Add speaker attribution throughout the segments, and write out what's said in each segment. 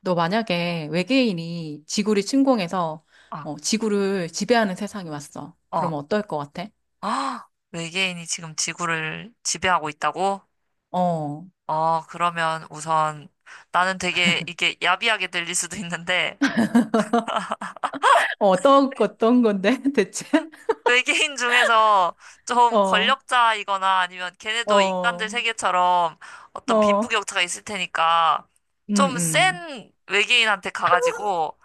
Speaker 1: 너 만약에 외계인이 지구를 침공해서
Speaker 2: 아,
Speaker 1: 지구를 지배하는 세상이 왔어.
Speaker 2: 어.
Speaker 1: 그러면 어떨 것 같아?
Speaker 2: 아, 외계인이 지금 지구를 지배하고 있다고?
Speaker 1: 어,
Speaker 2: 어, 그러면 우선 나는 되게 이게 야비하게 들릴 수도 있는데
Speaker 1: 어떤 건데, 대체?
Speaker 2: 외계인 중에서 좀
Speaker 1: 어,
Speaker 2: 권력자이거나 아니면
Speaker 1: 어,
Speaker 2: 걔네도 인간들
Speaker 1: 어,
Speaker 2: 세계처럼 어떤 빈부격차가 있을 테니까
Speaker 1: 음,
Speaker 2: 좀
Speaker 1: 음.
Speaker 2: 센 외계인한테 가가지고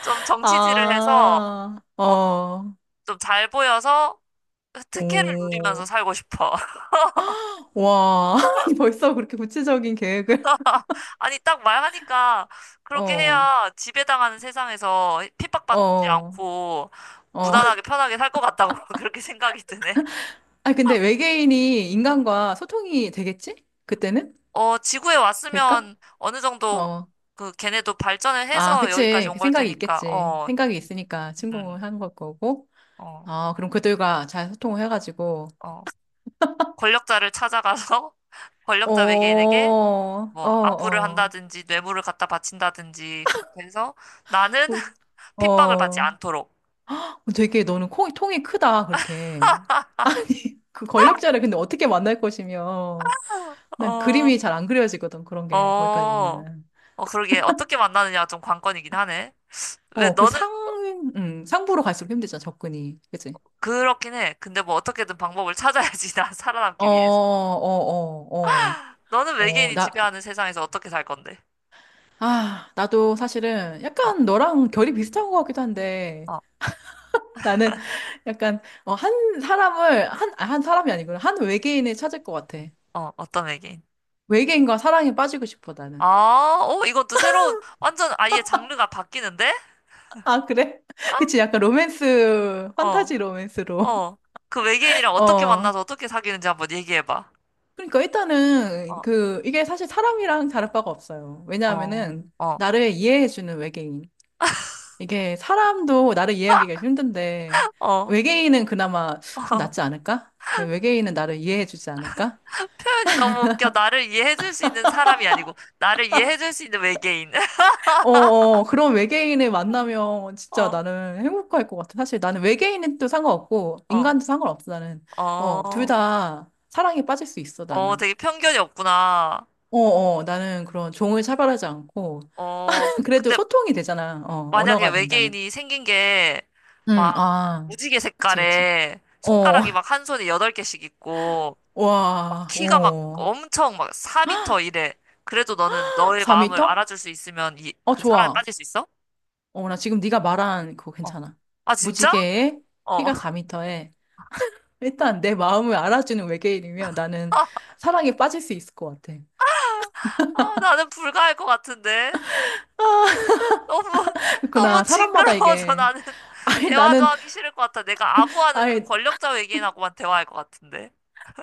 Speaker 2: 좀 정치질을 해서
Speaker 1: 아,
Speaker 2: 어,
Speaker 1: 어,
Speaker 2: 좀 잘 보여서 특혜를
Speaker 1: 오,
Speaker 2: 누리면서 살고 싶어.
Speaker 1: 와, 아니, 벌써 그렇게 구체적인 계획을?
Speaker 2: 아니, 딱 말하니까 그렇게
Speaker 1: 어,
Speaker 2: 해야 지배당하는 세상에서
Speaker 1: 어,
Speaker 2: 핍박받지
Speaker 1: 어.
Speaker 2: 않고 무난하게 편하게 살 것 같다고 그렇게 생각이 드네.
Speaker 1: 아니, 근데 외계인이 인간과 소통이 되겠지? 그때는?
Speaker 2: 어, 지구에
Speaker 1: 될까?
Speaker 2: 왔으면 어느 정도
Speaker 1: 어.
Speaker 2: 그 걔네도 발전을
Speaker 1: 아,
Speaker 2: 해서 여기까지
Speaker 1: 그치.
Speaker 2: 온
Speaker 1: 그
Speaker 2: 걸
Speaker 1: 생각이
Speaker 2: 테니까,
Speaker 1: 있겠지.
Speaker 2: 어,
Speaker 1: 생각이 있으니까
Speaker 2: 음,
Speaker 1: 침공을 한 걸 거고.
Speaker 2: 어,
Speaker 1: 아, 그럼 그들과 잘 소통을 해가지고.
Speaker 2: 어. 권력자를 찾아가서
Speaker 1: 어,
Speaker 2: 권력자 외계인에게
Speaker 1: 어,
Speaker 2: 뭐 아부를
Speaker 1: 어.
Speaker 2: 한다든지 뇌물을 갖다 바친다든지 그렇게 해서 나는
Speaker 1: 어,
Speaker 2: 핍박을 받지
Speaker 1: 어.
Speaker 2: 않도록.
Speaker 1: 되게 너는 통이 크다, 그렇게. 아니, 그 권력자를 근데 어떻게 만날 것이며. 난
Speaker 2: 어,
Speaker 1: 그림이 잘 안 그려지거든, 그런 게,
Speaker 2: 어,
Speaker 1: 거기까지는.
Speaker 2: 어, 그러게. 어떻게 만나느냐가 좀 관건이긴 하네. 왜
Speaker 1: 어,
Speaker 2: 너는
Speaker 1: 상부로 갈수록 힘들잖아, 접근이. 그치?
Speaker 2: 그렇긴 해. 근데 뭐 어떻게든 방법을 찾아야지, 나
Speaker 1: 어, 어,
Speaker 2: 살아남기 위해서.
Speaker 1: 어,
Speaker 2: 너는
Speaker 1: 어. 어,
Speaker 2: 외계인이 지배하는 세상에서 어떻게 살 건데?
Speaker 1: 나도 사실은
Speaker 2: 어,
Speaker 1: 약간 너랑 결이 비슷한 것 같기도 한데,
Speaker 2: 어,
Speaker 1: 나는 약간, 어, 한 사람을, 한 사람이 아니구나. 한 외계인을 찾을 것 같아.
Speaker 2: 어, 어떤 외계인?
Speaker 1: 외계인과 사랑에 빠지고 싶어, 나는.
Speaker 2: 아, 어 이건 또 새로운, 완전 아예 장르가 바뀌는데?
Speaker 1: 아, 그래?
Speaker 2: 아,
Speaker 1: 그치, 약간 로맨스,
Speaker 2: 어,
Speaker 1: 판타지 로맨스로.
Speaker 2: 어. 그 외계인이랑 어떻게
Speaker 1: 어.
Speaker 2: 만나서 어떻게 사귀는지 한번 얘기해봐.
Speaker 1: 그러니까 일단은,
Speaker 2: 어,
Speaker 1: 그, 이게 사실 사람이랑 다를 바가 없어요.
Speaker 2: 어,
Speaker 1: 왜냐하면은,
Speaker 2: 어,
Speaker 1: 나를 이해해주는 외계인. 이게 사람도 나를 이해하기가 좀 힘든데,
Speaker 2: 어.
Speaker 1: 외계인은 그나마 좀 낫지 않을까? 외계인은 나를 이해해주지 않을까?
Speaker 2: 표현이 너무 웃겨. 나를 이해해줄 수 있는 사람이 아니고, 나를 이해해줄 수 있는 외계인.
Speaker 1: 어, 어, 그런 외계인을 만나면 진짜
Speaker 2: 어.
Speaker 1: 나는 행복할 것 같아. 사실 나는 외계인은 또 상관없고,
Speaker 2: 어,
Speaker 1: 인간도 상관없어, 나는. 어, 둘
Speaker 2: 어,
Speaker 1: 다 사랑에 빠질 수 있어,
Speaker 2: 어,
Speaker 1: 나는.
Speaker 2: 되게 편견이 없구나.
Speaker 1: 어, 어, 나는 그런 종을 차별하지 않고,
Speaker 2: 어,
Speaker 1: 그래도
Speaker 2: 근데
Speaker 1: 소통이 되잖아. 어,
Speaker 2: 만약에
Speaker 1: 언어가 된다면.
Speaker 2: 외계인이 생긴 게
Speaker 1: 응,
Speaker 2: 막
Speaker 1: 아,
Speaker 2: 무지개
Speaker 1: 그치, 그치.
Speaker 2: 색깔에
Speaker 1: 어,
Speaker 2: 손가락이 막 한 손에 여덟 개씩 있고 막
Speaker 1: 와,
Speaker 2: 키가 막
Speaker 1: 어,
Speaker 2: 엄청 막 4미터 이래. 그래도 너는 너의 마음을
Speaker 1: 4미터?
Speaker 2: 알아줄 수 있으면 이,
Speaker 1: 어,
Speaker 2: 그 사랑에
Speaker 1: 좋아.
Speaker 2: 빠질 수 있어?
Speaker 1: 어, 나 지금 네가 말한 그거
Speaker 2: 어.
Speaker 1: 괜찮아.
Speaker 2: 아, 진짜?
Speaker 1: 무지개에
Speaker 2: 어.
Speaker 1: 키가 4미터에 일단 내 마음을 알아주는 외계인이면 나는 사랑에 빠질 수 있을 것 같아.
Speaker 2: 아, 나는 불가할 것 같은데.
Speaker 1: 아,
Speaker 2: 너무, 너무
Speaker 1: 그렇구나. 사람마다
Speaker 2: 징그러워서
Speaker 1: 이게.
Speaker 2: 나는
Speaker 1: 아니,
Speaker 2: 대화도
Speaker 1: 나는,
Speaker 2: 하기 싫을 것 같아. 내가 아부하는 그
Speaker 1: 아니,
Speaker 2: 권력자 외계인하고만 대화할 것 같은데.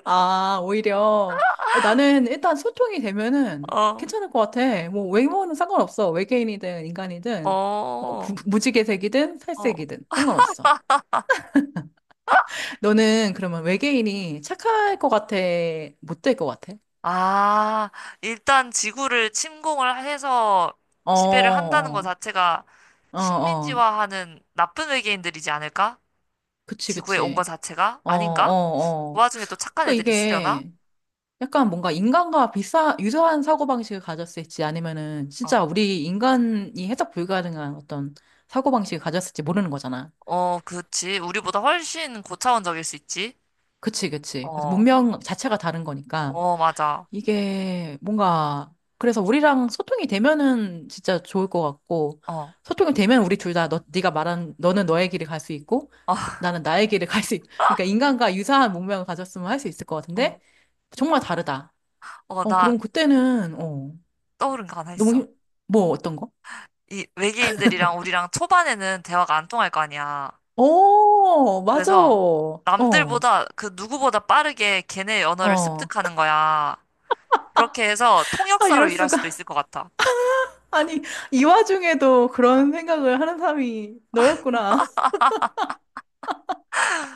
Speaker 1: 아, 오히려. 아니, 나는 일단 소통이 되면은
Speaker 2: 어,
Speaker 1: 괜찮을 것 같아. 뭐, 외모는 상관없어. 외계인이든 인간이든. 어,
Speaker 2: 어,
Speaker 1: 무지개색이든
Speaker 2: 어.
Speaker 1: 살색이든 상관없어. 너는 그러면 외계인이 착할 것 같아? 못 될 것 같아?
Speaker 2: 아, 일단 지구를 침공을 해서
Speaker 1: 어,
Speaker 2: 지배를 한다는 것
Speaker 1: 어.
Speaker 2: 자체가
Speaker 1: 어, 어.
Speaker 2: 식민지화하는 나쁜 외계인들이지 않을까?
Speaker 1: 그치,
Speaker 2: 지구에 온 것
Speaker 1: 그치.
Speaker 2: 자체가?
Speaker 1: 어,
Speaker 2: 아닌가?
Speaker 1: 어,
Speaker 2: 그
Speaker 1: 어.
Speaker 2: 와중에 또 착한
Speaker 1: 그러니까
Speaker 2: 애들이 있으려나?
Speaker 1: 이게 약간 뭔가 인간과 비슷한, 유사한 사고방식을 가졌을지 아니면은
Speaker 2: 어,
Speaker 1: 진짜 우리 인간이 해석 불가능한 어떤 사고방식을 가졌을지 모르는 거잖아.
Speaker 2: 어, 그렇지. 우리보다 훨씬 고차원적일 수 있지.
Speaker 1: 그치, 그치. 그래서
Speaker 2: 어,
Speaker 1: 문명 자체가 다른 거니까
Speaker 2: 어, 맞아.
Speaker 1: 이게 뭔가 그래서 우리랑 소통이 되면은 진짜 좋을 것 같고
Speaker 2: 어.
Speaker 1: 소통이 되면 우리 둘 다 너, 네가 말한 너는 너의 길을 갈 수 있고 나는 나의 길을 갈 수 있, 그러니까 인간과 유사한 문명을 가졌으면 할 수 있을 것 같은데
Speaker 2: 어.
Speaker 1: 정말 다르다.
Speaker 2: 어,
Speaker 1: 어,
Speaker 2: 나
Speaker 1: 그럼 그때는,
Speaker 2: 떠오른 거 하나
Speaker 1: 너무
Speaker 2: 있어.
Speaker 1: 힘, 뭐, 어떤 거?
Speaker 2: 이 외계인들이랑 우리랑 초반에는 대화가 안 통할 거 아니야.
Speaker 1: 어, 맞아.
Speaker 2: 그래서
Speaker 1: 어,
Speaker 2: 남들보다 그 누구보다 빠르게 걔네 언어를
Speaker 1: 어.
Speaker 2: 습득하는 거야. 그렇게 해서
Speaker 1: 아,
Speaker 2: 통역사로
Speaker 1: 이럴
Speaker 2: 일할
Speaker 1: 수가.
Speaker 2: 수도 있을 것 같아.
Speaker 1: 아니, 이 와중에도
Speaker 2: 어.
Speaker 1: 그런 생각을 하는 사람이 너였구나.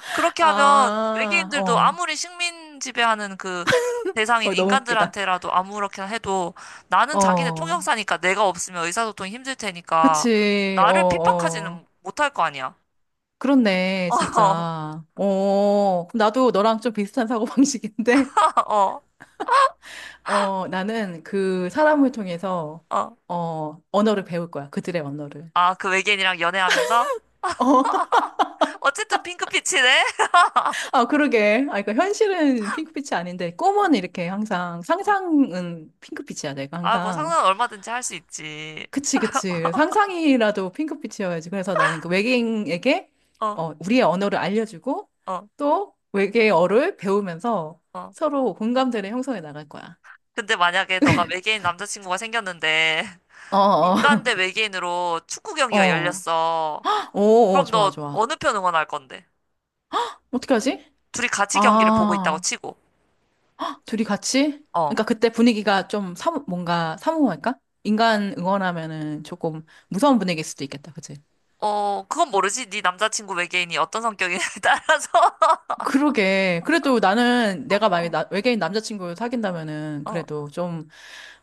Speaker 2: 그렇게 하면
Speaker 1: 아,
Speaker 2: 외계인들도
Speaker 1: 어,
Speaker 2: 아무리 식민 지배하는 그 대상인
Speaker 1: 어, 너무 웃기다.
Speaker 2: 인간들한테라도 아무렇게나 해도 나는 자기네
Speaker 1: 어,
Speaker 2: 통역사니까 내가 없으면 의사소통이 힘들 테니까
Speaker 1: 그치. 어,
Speaker 2: 나를
Speaker 1: 어.
Speaker 2: 핍박하지는 못할 거 아니야.
Speaker 1: 그렇네,
Speaker 2: 어,
Speaker 1: 진짜. 어, 그럼 나도 너랑 좀 비슷한 사고방식인데,
Speaker 2: 어,
Speaker 1: 어, 나는 그 사람을 통해서,
Speaker 2: 어.
Speaker 1: 어, 언어를 배울 거야. 그들의 언어를.
Speaker 2: 아, 그 외계인이랑 연애하면서?
Speaker 1: 어,
Speaker 2: 어쨌든 핑크빛이네?
Speaker 1: 아, 그러게. 아, 그러니까 현실은 핑크빛이 아닌데,
Speaker 2: 어,
Speaker 1: 꿈은 이렇게 항상,
Speaker 2: 어.
Speaker 1: 상상은 핑크빛이야, 내가
Speaker 2: 아, 뭐
Speaker 1: 항상.
Speaker 2: 상상은 얼마든지 할 수 있지.
Speaker 1: 그치, 그치. 상상이라도 핑크빛이어야지. 그래서 나는 그 외계인에게,
Speaker 2: 어,
Speaker 1: 어, 우리의 언어를 알려주고,
Speaker 2: 어,
Speaker 1: 또 외계어를 배우면서
Speaker 2: 어.
Speaker 1: 서로 공감대를 형성해 나갈 거야.
Speaker 2: 근데 만약에 너가 외계인 남자친구가 생겼는데,
Speaker 1: 어, 어,
Speaker 2: 인간 대 외계인으로 축구 경기가
Speaker 1: 어.
Speaker 2: 열렸어.
Speaker 1: 오, 오,
Speaker 2: 그럼
Speaker 1: 좋아,
Speaker 2: 너
Speaker 1: 좋아.
Speaker 2: 어느 편 응원할 건데?
Speaker 1: 어떻게 하지?
Speaker 2: 둘이 같이 경기를 보고 있다고
Speaker 1: 아.
Speaker 2: 치고.
Speaker 1: 둘이 같이?
Speaker 2: 어,
Speaker 1: 그러니까 그때 분위기가 좀 뭔가 사무할까? 인간 응원하면은 조금 무서운 분위기일 수도 있겠다, 그치?
Speaker 2: 어, 그건 모르지. 네 남자친구 외계인이 어떤 성격이냐에 따라서.
Speaker 1: 그러게. 그래도 나는 내가 만약에
Speaker 2: 어,
Speaker 1: 외계인 남자친구를 사귄다면은
Speaker 2: 어,
Speaker 1: 그래도 좀,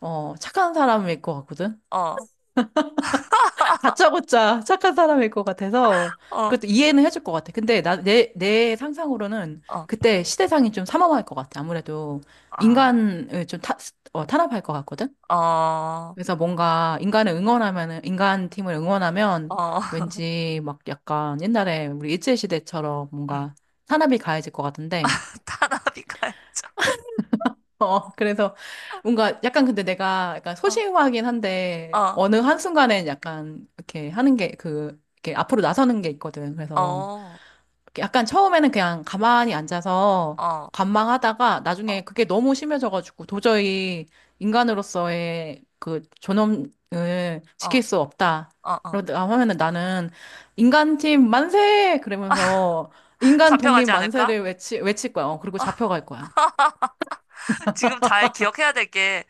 Speaker 1: 어, 착한 사람일 것 같거든?
Speaker 2: 어,
Speaker 1: 다짜고짜 착한 사람일 것 같아서
Speaker 2: 어,
Speaker 1: 그것도 이해는 해줄 것 같아. 근데 내 상상으로는
Speaker 2: 어.
Speaker 1: 그때 시대상이 좀 삼엄할 것 같아. 아무래도
Speaker 2: 아,
Speaker 1: 인간을 탄압할 것 같거든?
Speaker 2: 어,
Speaker 1: 그래서 뭔가 인간을 응원하면은, 인간 팀을 응원하면
Speaker 2: 어.
Speaker 1: 왠지 막 약간 옛날에 우리 일제시대처럼
Speaker 2: 응,
Speaker 1: 뭔가 산업이 가해질 것 같은데,
Speaker 2: 타나비가
Speaker 1: 어, 그래서 뭔가 약간 근데 내가 약간
Speaker 2: 어,
Speaker 1: 소심하긴 한데,
Speaker 2: 어,
Speaker 1: 어느 한순간엔 약간 이렇게 하는 게 그, 이렇게 앞으로 나서는 게 있거든.
Speaker 2: 어,
Speaker 1: 그래서
Speaker 2: 어,
Speaker 1: 약간 처음에는 그냥 가만히 앉아서
Speaker 2: 어,
Speaker 1: 관망하다가 나중에 그게 너무 심해져가지고 도저히 인간으로서의 그 존엄을
Speaker 2: 어, 어.
Speaker 1: 지킬 수 없다.
Speaker 2: 어.
Speaker 1: 그러다 하면은 나는 인간팀 만세! 그러면서 인간 독립
Speaker 2: 잡혀가지 않을까?
Speaker 1: 만세를 외칠 거야. 어, 그리고 잡혀갈 거야.
Speaker 2: 지금 잘 기억해야 될 게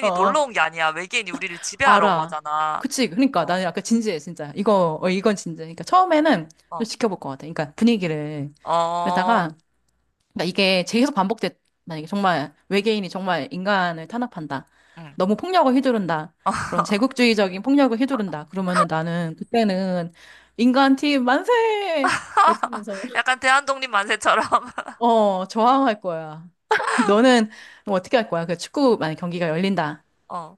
Speaker 1: 어,
Speaker 2: 놀러
Speaker 1: 어,
Speaker 2: 온 게 아니야. 외계인이 우리를 지배하러 온
Speaker 1: 알아.
Speaker 2: 거잖아.
Speaker 1: 그치. 그러니까
Speaker 2: 어,
Speaker 1: 나는 약간 진지해, 진짜. 이거,
Speaker 2: 어,
Speaker 1: 어, 이건 진지해. 그러니까 처음에는 좀
Speaker 2: 어,
Speaker 1: 지켜볼 것 같아. 그러니까 분위기를.
Speaker 2: 어,
Speaker 1: 그러다가 그러니까 이게 계속 반복돼. 만약에 정말 외계인이 정말 인간을 탄압한다.
Speaker 2: 응.
Speaker 1: 너무 폭력을 휘두른다. 그런 제국주의적인 폭력을 휘두른다. 그러면은 나는 그때는 인간 팀 만세! 외치면서
Speaker 2: 약간 대한독립 만세처럼.
Speaker 1: 어, 저항할 거야. 너는 뭐 어떻게 할 거야? 그 축구 만약 경기가 열린다.
Speaker 2: 어,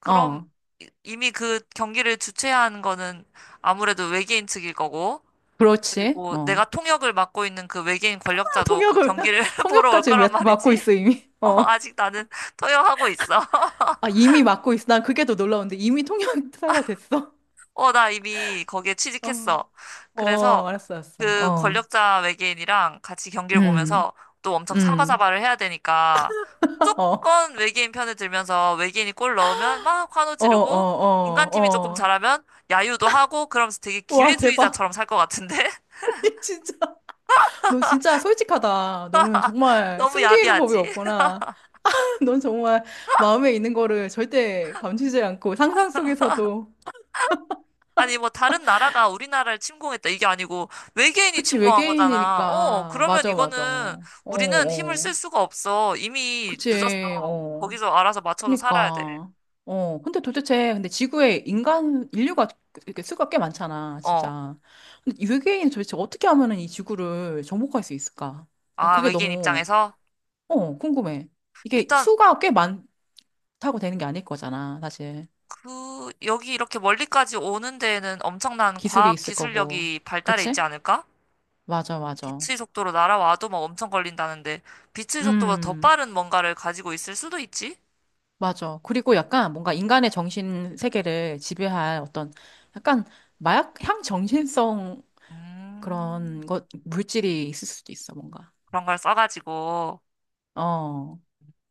Speaker 2: 그럼
Speaker 1: 어,
Speaker 2: 이미 그 경기를 주최한 거는 아무래도 외계인 측일 거고,
Speaker 1: 그렇지.
Speaker 2: 그리고
Speaker 1: 어.
Speaker 2: 내가 통역을 맡고 있는 그 외계인 권력자도 그
Speaker 1: 통역을
Speaker 2: 경기를 보러 올
Speaker 1: 통역까지
Speaker 2: 거란
Speaker 1: 맡고
Speaker 2: 말이지.
Speaker 1: 있어 이미.
Speaker 2: 어,
Speaker 1: 어.
Speaker 2: 아직 나는 통역하고 있어.
Speaker 1: 아, 이미 맡고 있어. 난 그게 더 놀라운데 이미 통역사가 됐어.
Speaker 2: 어, 나 이미 거기에
Speaker 1: 어.
Speaker 2: 취직했어. 그래서
Speaker 1: 어, 알았어, 알았어.
Speaker 2: 그
Speaker 1: 어.
Speaker 2: 권력자 외계인이랑 같이 경기를
Speaker 1: 음,
Speaker 2: 보면서 또 엄청
Speaker 1: 음.
Speaker 2: 사바사바를 해야 되니까
Speaker 1: 어,
Speaker 2: 무조건 외계인 편에 들면서 외계인이 골 넣으면 막 환호
Speaker 1: 어, 어,
Speaker 2: 지르고
Speaker 1: 어,
Speaker 2: 인간팀이 조금
Speaker 1: 어.
Speaker 2: 잘하면 야유도 하고 그러면서 되게
Speaker 1: 와, 대박.
Speaker 2: 기회주의자처럼 살 것 같은데?
Speaker 1: 이 진짜. 너 진짜 솔직하다. 너는 정말
Speaker 2: 너무
Speaker 1: 숨기는 법이
Speaker 2: 야비하지?
Speaker 1: 없구나. 넌 정말 마음에 있는 거를 절대 감추지 않고 상상 속에서도.
Speaker 2: 아니, 뭐, 다른 나라가 우리나라를 침공했다. 이게 아니고, 외계인이
Speaker 1: 그치,
Speaker 2: 침공한 거잖아. 어,
Speaker 1: 외계인이니까.
Speaker 2: 그러면
Speaker 1: 맞아, 맞아.
Speaker 2: 이거는,
Speaker 1: 어,
Speaker 2: 우리는 힘을
Speaker 1: 어.
Speaker 2: 쓸 수가 없어. 이미
Speaker 1: 그치,
Speaker 2: 늦었어.
Speaker 1: 어.
Speaker 2: 거기서 알아서 맞춰서 살아야 돼.
Speaker 1: 그니까. 어, 근데 도대체, 근데 지구에 인간, 인류가 이렇게 수가 꽤 많잖아,
Speaker 2: 어.
Speaker 1: 진짜. 근데 이 외계인이 도대체 어떻게 하면은 이 지구를 정복할 수 있을까? 난
Speaker 2: 아,
Speaker 1: 그게
Speaker 2: 외계인
Speaker 1: 너무,
Speaker 2: 입장에서?
Speaker 1: 어, 궁금해. 이게
Speaker 2: 일단,
Speaker 1: 수가 꽤 많다고 되는 게 아닐 거잖아, 사실.
Speaker 2: 그, 여기 이렇게 멀리까지 오는 데에는 엄청난
Speaker 1: 기술이
Speaker 2: 과학
Speaker 1: 있을 거고.
Speaker 2: 기술력이 발달해 있지
Speaker 1: 그치?
Speaker 2: 않을까?
Speaker 1: 맞아, 맞아.
Speaker 2: 빛의 속도로 날아와도 막 엄청 걸린다는데, 빛의 속도보다 더
Speaker 1: 음,
Speaker 2: 빠른 뭔가를 가지고 있을 수도 있지?
Speaker 1: 맞아. 그리고 약간 뭔가 인간의 정신 세계를 지배할 어떤 약간 마약향 정신성
Speaker 2: 음,
Speaker 1: 그런 것, 물질이 있을 수도 있어, 뭔가.
Speaker 2: 그런 걸 써가지고.
Speaker 1: 어,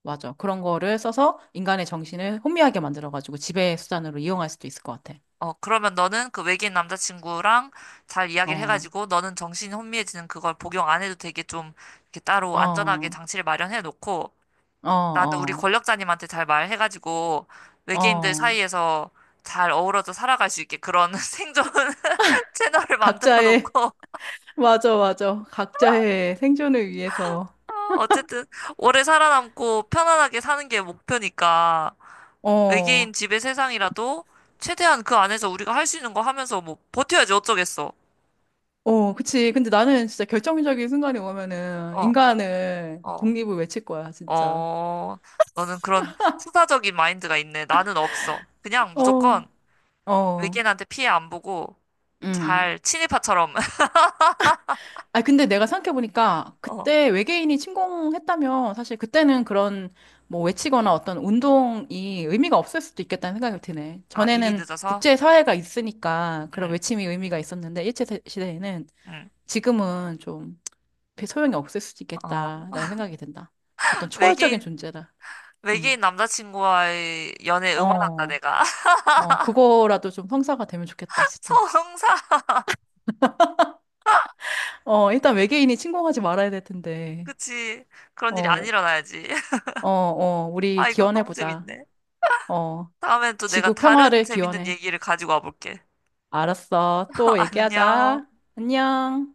Speaker 1: 맞아. 그런 거를 써서 인간의 정신을 혼미하게 만들어가지고 지배 수단으로 이용할 수도 있을 것 같아.
Speaker 2: 어, 그러면 너는 그 외계인 남자친구랑 잘 이야기를
Speaker 1: 어,
Speaker 2: 해가지고 너는 정신이 혼미해지는 그걸 복용 안 해도 되게 좀 이렇게 따로 안전하게
Speaker 1: 어,
Speaker 2: 장치를 마련해 놓고
Speaker 1: 어,
Speaker 2: 나는 우리
Speaker 1: 어,
Speaker 2: 권력자님한테 잘 말해가지고 외계인들
Speaker 1: 어.
Speaker 2: 사이에서 잘 어우러져 살아갈 수 있게 그런 생존 채널을 만들어
Speaker 1: 각자의,
Speaker 2: 놓고
Speaker 1: 맞아, 맞아. 각자의 생존을 위해서.
Speaker 2: 어, 어쨌든 오래 살아남고 편안하게 사는 게 목표니까 외계인
Speaker 1: 어,
Speaker 2: 지배 세상이라도 최대한 그 안에서 우리가 할 수 있는 거 하면서 뭐 버텨야지 어쩌겠어.
Speaker 1: 어, 그치. 근데 나는 진짜 결정적인 순간이 오면은
Speaker 2: 어,
Speaker 1: 인간을
Speaker 2: 어.
Speaker 1: 독립을 외칠 거야, 진짜.
Speaker 2: 어, 너는 그런 투사적인 마인드가 있네. 나는 없어. 그냥 무조건
Speaker 1: 어, 어,
Speaker 2: 외계인한테 피해 안 보고
Speaker 1: 음.
Speaker 2: 잘 친일파처럼.
Speaker 1: 아, 근데 내가 생각해보니까
Speaker 2: 어.
Speaker 1: 그때 외계인이 침공했다면 사실 그때는 그런 뭐 외치거나 어떤 운동이 의미가 없을 수도 있겠다는 생각이 드네.
Speaker 2: 아, 이미
Speaker 1: 전에는
Speaker 2: 늦어서?
Speaker 1: 국제사회가 있으니까 그런
Speaker 2: 응,
Speaker 1: 외침이 의미가 있었는데 일제 시대에는
Speaker 2: 응.
Speaker 1: 지금은 좀 별 소용이 없을 수도
Speaker 2: 어.
Speaker 1: 있겠다라는 생각이 든다. 어떤 초월적인
Speaker 2: 외계인,
Speaker 1: 존재다. 응.
Speaker 2: 외계인 남자친구와의 연애 응원한다,
Speaker 1: 어,
Speaker 2: 내가.
Speaker 1: 어, 그거라도 좀 성사가 되면 좋겠다, 진짜.
Speaker 2: 성사!
Speaker 1: 어, 일단 외계인이 침공하지 말아야 될 텐데.
Speaker 2: 그치. 그런 일이 안
Speaker 1: 어,
Speaker 2: 일어나야지.
Speaker 1: 어, 어, 우리
Speaker 2: 아, 이건 너무
Speaker 1: 기원해보자.
Speaker 2: 재밌네.
Speaker 1: 어.
Speaker 2: 다음엔 또 내가
Speaker 1: 지구
Speaker 2: 다른
Speaker 1: 평화를
Speaker 2: 재밌는
Speaker 1: 기원해.
Speaker 2: 얘기를 가지고 와볼게.
Speaker 1: 알았어. 또 얘기하자.
Speaker 2: 안녕.
Speaker 1: 안녕.